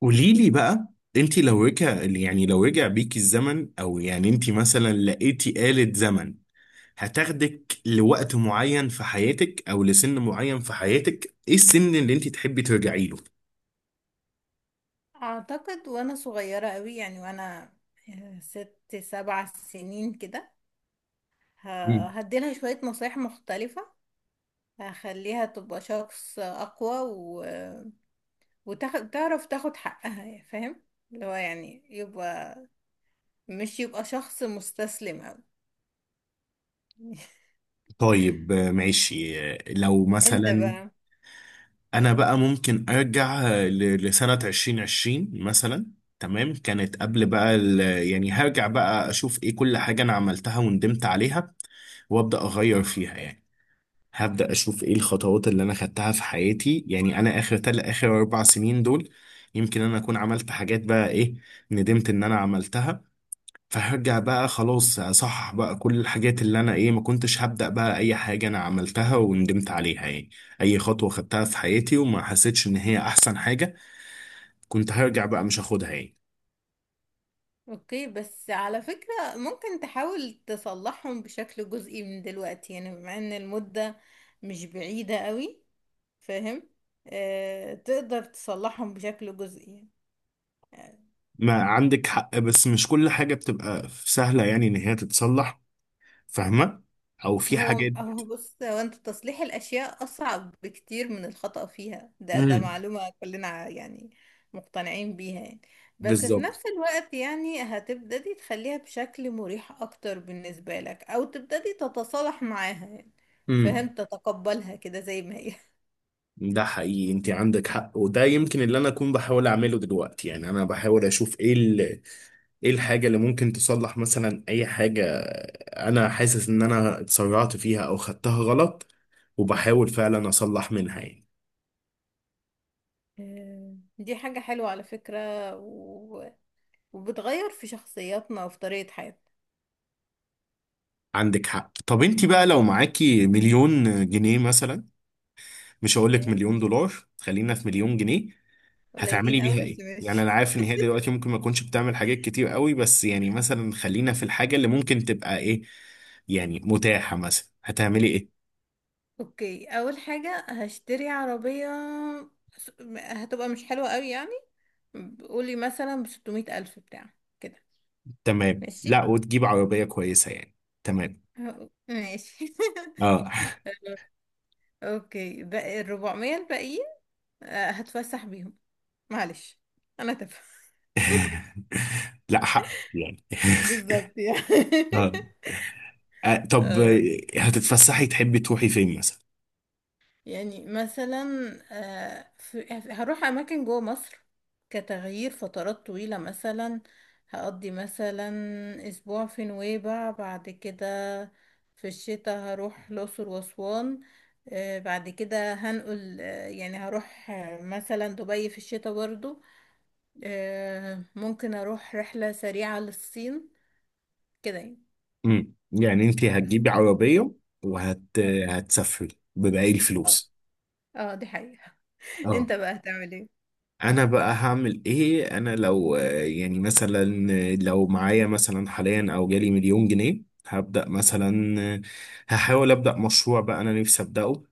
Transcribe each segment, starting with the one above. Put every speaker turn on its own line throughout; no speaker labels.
قولي لي بقى. انت لو رجع يعني لو رجع بيك الزمن، او يعني انت مثلا لقيتي آلة زمن، هتاخدك لوقت معين في حياتك او لسن معين في حياتك، ايه السن اللي انت تحبي ترجعي له؟
اعتقد وانا صغيرة قوي، يعني وانا 6 7 سنين كده،
مم.
هديلها شوية نصايح مختلفة. هخليها تبقى شخص اقوى و... وتعرف تاخد حقها، يعني فاهم؟ اللي هو يعني مش يبقى شخص مستسلم قوي.
طيب ماشي. لو
انت
مثلا
بقى.
انا بقى ممكن ارجع لسنة 2020 مثلا. تمام، كانت قبل بقى يعني هرجع بقى اشوف ايه كل حاجة انا عملتها وندمت عليها، وابدا اغير فيها يعني. هبدأ أشوف إيه الخطوات اللي أنا خدتها في حياتي، يعني أنا آخر آخر 4 سنين دول يمكن أنا أكون عملت حاجات بقى، إيه ندمت إن أنا عملتها، فهرجع بقى خلاص أصحح بقى كل الحاجات اللي أنا إيه ما كنتش هبدأ بقى أي حاجة أنا عملتها وندمت عليها يعني. أي خطوة خدتها في حياتي وما حسيتش إن هي أحسن حاجة، كنت هرجع بقى مش هاخدها يعني.
اوكي، بس على فكرة ممكن تحاول تصلحهم بشكل جزئي من دلوقتي، يعني بما ان المدة مش بعيدة قوي، فاهم؟ آه، تقدر تصلحهم بشكل جزئي يعني.
ما عندك حق، بس مش كل حاجة بتبقى سهلة يعني إن هي تتصلح. فاهمة؟ أو في
هو
حاجات.
هو بص، هو انت تصليح الاشياء اصعب بكتير من الخطأ فيها، ده
امم.
معلومة كلنا يعني مقتنعين بيها يعني. بس في
بالظبط.
نفس الوقت يعني هتبتدي تخليها بشكل مريح اكتر بالنسبة لك، او تبتدي تتصالح معاها يعني،
مم.
فاهم؟ تتقبلها كده زي ما هي.
ده حقيقي، انت عندك حق، وده يمكن اللي انا اكون بحاول اعمله دلوقتي. يعني انا بحاول اشوف ايه ال... ايه الحاجه اللي ممكن تصلح، مثلا اي حاجه انا حاسس ان انا اتسرعت فيها او خدتها غلط، وبحاول فعلا اصلح منها يعني.
دي حاجة حلوة على فكرة. و... وبتغير في شخصياتنا وفي طريقة حياتنا.
عندك حق. طب انت بقى لو معاكي 1,000,000 جنيه مثلا، مش هقول لك
اوكي.
1,000,000 دولار، خلينا في 1,000,000 جنيه،
قليلين
هتعملي
قوي
بيها
بس
ايه؟ يعني
ماشي.
انا عارف ان هي دلوقتي ممكن ما تكونش بتعمل حاجات كتير قوي، بس يعني مثلا خلينا في الحاجة اللي ممكن تبقى ايه، يعني متاحة، مثلا هتعملي ايه؟
اوكي، اول حاجة هشتري عربية. هتبقى مش حلوة قوي يعني. قولي مثلا ب600 ألف بتاع كده.
تمام،
ماشي.
لا وتجيب عربية كويسة يعني. تمام.
ماشي.
اه.
اوكي، بقى ال400 الباقيين هتفسح بيهم. معلش، انا تافهة.
لا حق، يعني
بالظبط يعني.
اه. طب هتتفسحي، تحبي تروحي فين مثلا؟
يعني مثلا هروح اماكن جوه مصر كتغيير فترات طويلة. مثلا هقضي مثلا اسبوع في نويبع. بعد كده في الشتاء هروح الاقصر واسوان. بعد كده هنقل، يعني هروح مثلا دبي في الشتاء برضو. ممكن اروح رحلة سريعة للصين كده يعني.
امم. يعني انت
بس.
هتجيبي عربية، وهت
اه
هتسافري بباقي
اه
الفلوس.
اه، دي حقيقة.
اه.
انت بقى هتعمل ايه؟
انا بقى هعمل ايه؟ انا لو يعني مثلا لو معايا مثلا حاليا او جالي 1,000,000 جنيه، هبدأ مثلا، هحاول أبدأ مشروع بقى انا نفسي أبدأه،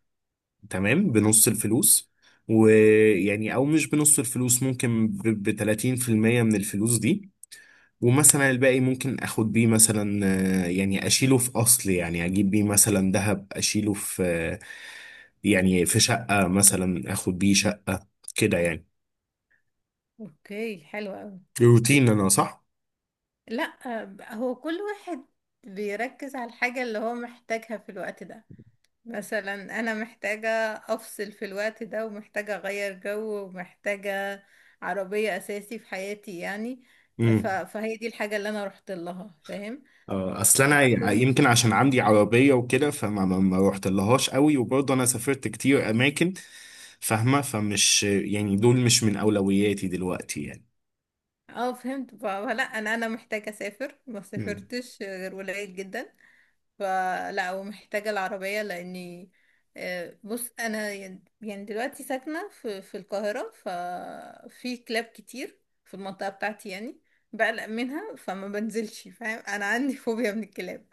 تمام، بنص الفلوس. ويعني او مش بنص الفلوس، ممكن ب 30% من الفلوس دي. ومثلا الباقي ممكن اخد بيه مثلا، يعني اشيله في اصل، يعني اجيب بيه مثلا ذهب، اشيله في، يعني في شقة، مثلا اخد بيه شقة، كده يعني.
اوكي حلو قوي.
روتين انا، صح؟
لا، هو كل واحد بيركز على الحاجة اللي هو محتاجها في الوقت ده. مثلا أنا محتاجة أفصل في الوقت ده، ومحتاجة أغير جو، ومحتاجة عربية أساسي في حياتي يعني. ف... فهي دي الحاجة اللي أنا رحت لها، فاهم؟
اه، اصل انا
فكل.
يمكن عشان عندي عربيه وكده، فما ما ما روحت لهاش قوي، وبرضه انا سافرت كتير اماكن، فاهمه؟ فمش يعني، دول مش من اولوياتي دلوقتي يعني.
اه فهمت، فلا أنا محتاجة أسافر، ما
مم.
سافرتش غير قليل جدا. فلا، ومحتاجة العربية لأني بص. أنا يعني دلوقتي ساكنة في القاهرة، ففي كلاب كتير في المنطقة بتاعتي يعني بقلق منها، فما بنزلش، فاهم؟ أنا عندي فوبيا من الكلاب.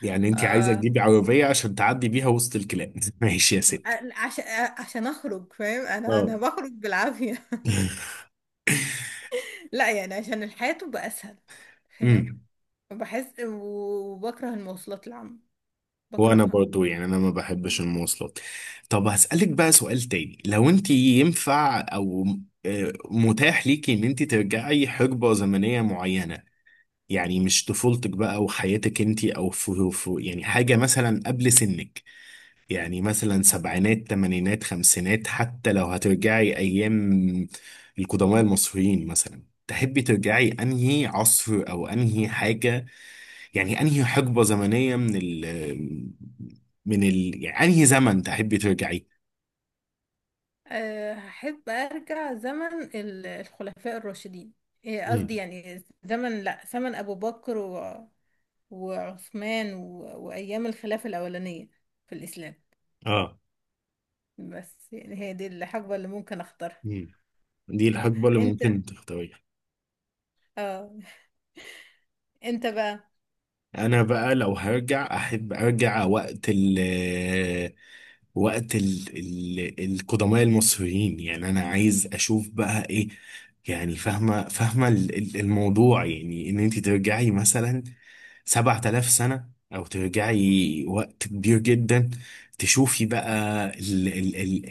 يعني انت عايزه تجيبي عربيه عشان تعدي بيها وسط الكلاب؟ ماشي يا ستي.
عشان عشان أخرج، فاهم؟ أنا
اه.
أنا بخرج بالعافية. لا يعني، عشان الحياة تبقى أسهل، فاهم؟
امم.
بحس وبكره المواصلات العامة،
وانا
بكرهها
برضو يعني انا ما بحبش
يعني.
المواصلات. طب هسألك بقى سؤال تاني، لو انت ينفع او متاح ليكي ان انت ترجعي حقبة زمنية معينة، يعني مش طفولتك بقى وحياتك انتي، او يعني حاجة مثلا قبل سنك، يعني مثلا سبعينات، تمانينات، خمسينات، حتى لو هترجعي ايام القدماء المصريين مثلا، تحبي ترجعي انهي عصر او انهي حاجة؟ يعني انهي حقبة زمنية من ال يعني انهي زمن تحبي ترجعي؟
أه، هحب أرجع زمن الخلفاء الراشدين. إيه، قصدي
مم.
يعني زمن، لأ، زمن أبو بكر و... وعثمان و... وأيام الخلافة الأولانية في الإسلام.
اه.
بس يعني هي دي الحقبة اللي ممكن أختارها.
مم. دي الحقبة اللي
أنت.
ممكن تختاريها؟
آه. أنت بقى.
انا بقى لو هرجع احب ارجع وقت وقت ال ال القدماء المصريين، يعني انا عايز اشوف بقى ايه، يعني فاهمه، فاهمه الموضوع، يعني ان انت ترجعي مثلا 7000 سنه، او ترجعي وقت كبير جدا، تشوفي بقى ال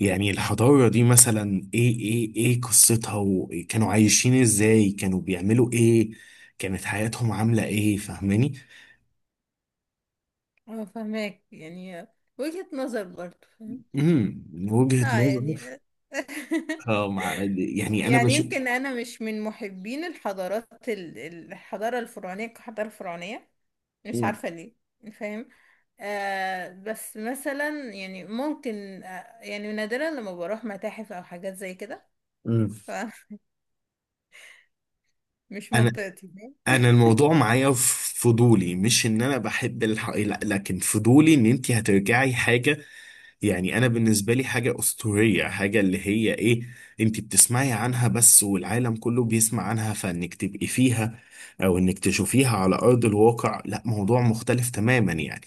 يعني الحضاره دي مثلا ايه ايه ايه قصتها، وكانوا عايشين ازاي، كانوا بيعملوا ايه، كانت حياتهم عامله ايه، فاهماني؟
أنا فاهماك يعني، وجهة نظر برضه، فاهم؟
امم. من وجهه
آه
نظري،
يعني.
اه. مع يعني انا
يعني
بشوف.
يمكن أنا مش من محبين الحضارات الحضارة الفرعونية كحضارة فرعونية، مش عارفة ليه، فاهم؟ آه، بس مثلا يعني ممكن، آه يعني نادرا لما بروح متاحف او حاجات زي كده.
امم.
فمش
انا،
منطقتي، فاهم؟
انا الموضوع معايا في فضولي، مش ان انا بحب الح... لا، لكن فضولي ان انت هترجعي حاجه يعني انا بالنسبه لي حاجه اسطوريه، حاجه اللي هي ايه، انت بتسمعي عنها بس والعالم كله بيسمع عنها، فانك تبقي فيها او انك تشوفيها على ارض الواقع، لا موضوع مختلف تماما يعني.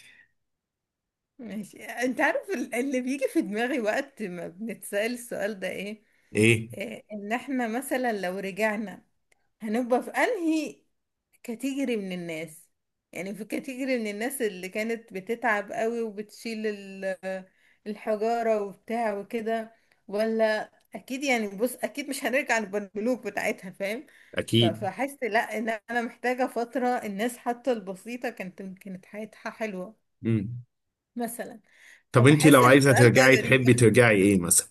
ماشي. انت عارف اللي بيجي في دماغي وقت ما بنتسأل السؤال ده ايه؟
ايه؟
آه، ان احنا مثلا لو رجعنا هنبقى في انهي كاتيجري من الناس؟ يعني في كاتيجري من الناس اللي كانت بتتعب قوي وبتشيل الحجارة وبتاع وكده، ولا اكيد يعني. بص، اكيد مش هنرجع للبنلوك بتاعتها، فاهم؟ ف-
اكيد.
فحس لا ان انا محتاجة فترة. الناس حتى البسيطة كانت حياتها حلوة
امم.
مثلا.
طب انت
فبحس
لو
ان
عايزه
السؤال ده
ترجعي
غريب.
تحبي ترجعي ايه مثلا؟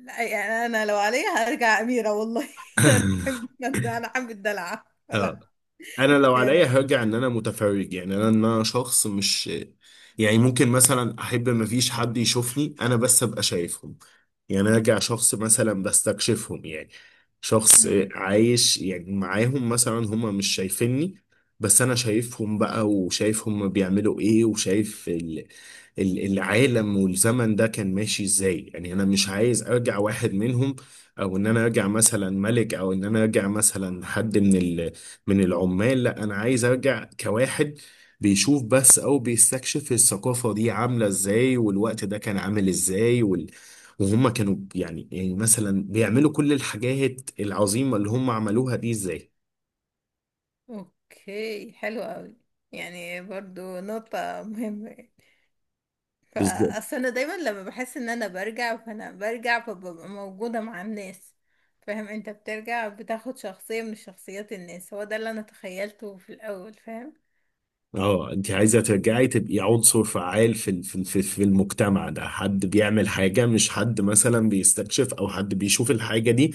لا يعني، انا لو عليا هرجع اميرة والله. انا احب الدلع، انا احب الدلع
اه، انا لو
يعني.
عليا هرجع ان انا متفرج، يعني انا ان انا شخص مش، يعني ممكن مثلا احب ما فيش حد يشوفني انا، بس ابقى شايفهم، يعني ارجع شخص مثلا بستكشفهم يعني، شخص
امم.
عايش يعني معاهم، مثلا هما مش شايفيني بس انا شايفهم بقى، وشايف هما بيعملوا ايه، وشايف ال... العالم والزمن ده كان ماشي ازاي، يعني انا مش عايز ارجع واحد منهم، او ان انا ارجع مثلا ملك، او ان انا ارجع مثلا حد من ال... من العمال، لا انا عايز ارجع كواحد بيشوف بس، او بيستكشف الثقافة دي عاملة ازاي، والوقت ده كان عامل ازاي، وال... وهم كانوا يعني، يعني مثلا بيعملوا كل الحاجات العظيمة اللي هم عملوها دي ازاي.
اوكي حلو قوي. يعني برضو نقطة مهمة يعني.
بالظبط.
فأصل أنا دايما لما بحس إن أنا برجع، فأنا برجع فببقى موجودة مع الناس، فاهم؟ أنت بترجع بتاخد شخصية من شخصيات الناس، هو ده اللي أنا تخيلته في الأول، فاهم؟
اه، انت عايزة ترجعي تبقي عنصر فعال في المجتمع ده، حد بيعمل حاجة، مش حد مثلا بيستكشف او حد بيشوف الحاجة دي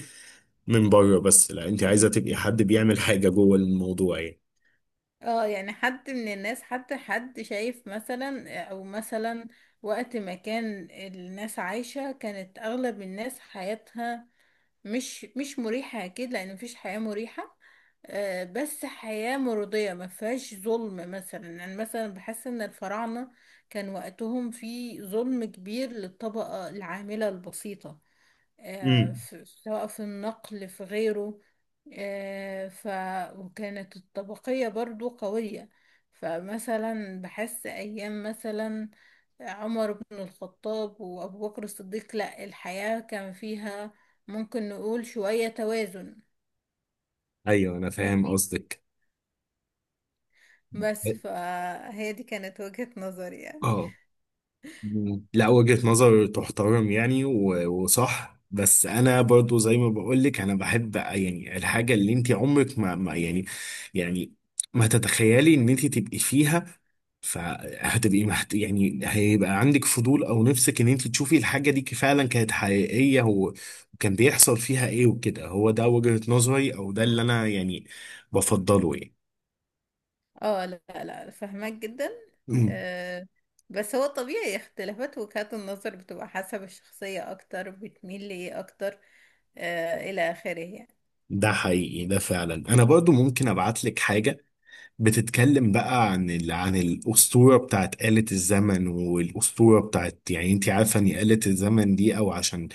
من بره بس، لا انت عايزة تبقي حد بيعمل حاجة جوه الموضوع يعني.
اه يعني حد من الناس، حتى حد شايف مثلا. أو مثلا وقت ما كان الناس عايشة، كانت أغلب الناس حياتها مش مريحة أكيد، لأن مفيش حياة مريحة، بس حياة مرضية ما فيهاش ظلم مثلا. يعني مثلا بحس إن الفراعنة كان وقتهم في ظلم كبير للطبقة العاملة البسيطة،
امم.
سواء في النقل في غيره، ف وكانت الطبقية برضو قوية. فمثلا بحس أيام مثلا عمر بن الخطاب وأبو بكر الصديق، لا، الحياة كان فيها ممكن نقول شوية توازن.
ايوه انا فاهم
ماشي،
قصدك.
بس فهي دي كانت وجهة نظري يعني.
اه. مم. لا وجهة نظر تحترم يعني، وصح، بس انا برضو زي ما بقول لك، انا بحب يعني الحاجة اللي انت عمرك ما يعني، يعني ما تتخيلي ان انت تبقي فيها، فهتبقي محت... يعني هيبقى عندك فضول او نفسك ان انت تشوفي الحاجة دي فعلا كانت حقيقية وكان بيحصل فيها ايه وكده، هو ده وجهة نظري او ده اللي انا يعني بفضله يعني.
اه لا لا، فاهمك جدا.
مم.
آه، بس هو طبيعي اختلافات وجهات النظر بتبقى حسب الشخصية اكتر بتميل لإيه اكتر، آه، الى اخره يعني.
ده حقيقي، ده فعلا. انا برضو ممكن ابعت لك حاجة بتتكلم بقى عن ال... عن الأسطورة بتاعت آلة الزمن، والأسطورة بتاعت يعني انت عارفة ان آلة الزمن دي، او عشان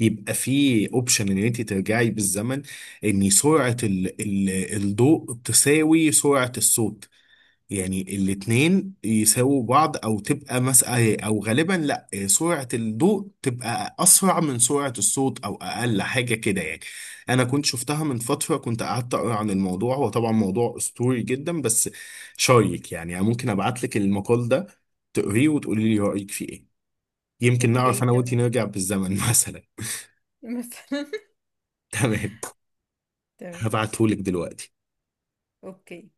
يبقى في اوبشن ان انت ترجعي بالزمن، ان سرعة الضوء تساوي سرعة الصوت، يعني الاتنين يساووا بعض، او تبقى مسألة، او غالبا لا سرعة الضوء تبقى اسرع من سرعة الصوت، او اقل حاجة كده يعني. انا كنت شفتها من فترة، كنت قعدت اقرا عن الموضوع، هو طبعا موضوع اسطوري جدا، بس شايك يعني أنا ممكن ابعت لك المقال ده تقريه وتقولي لي رأيك فيه ايه، يمكن نعرف
اوكي
انا وانتي
تمام.
نرجع بالزمن مثلا.
مثلا.
تمام.
تمام.
هبعتهولك دلوقتي.
اوكي.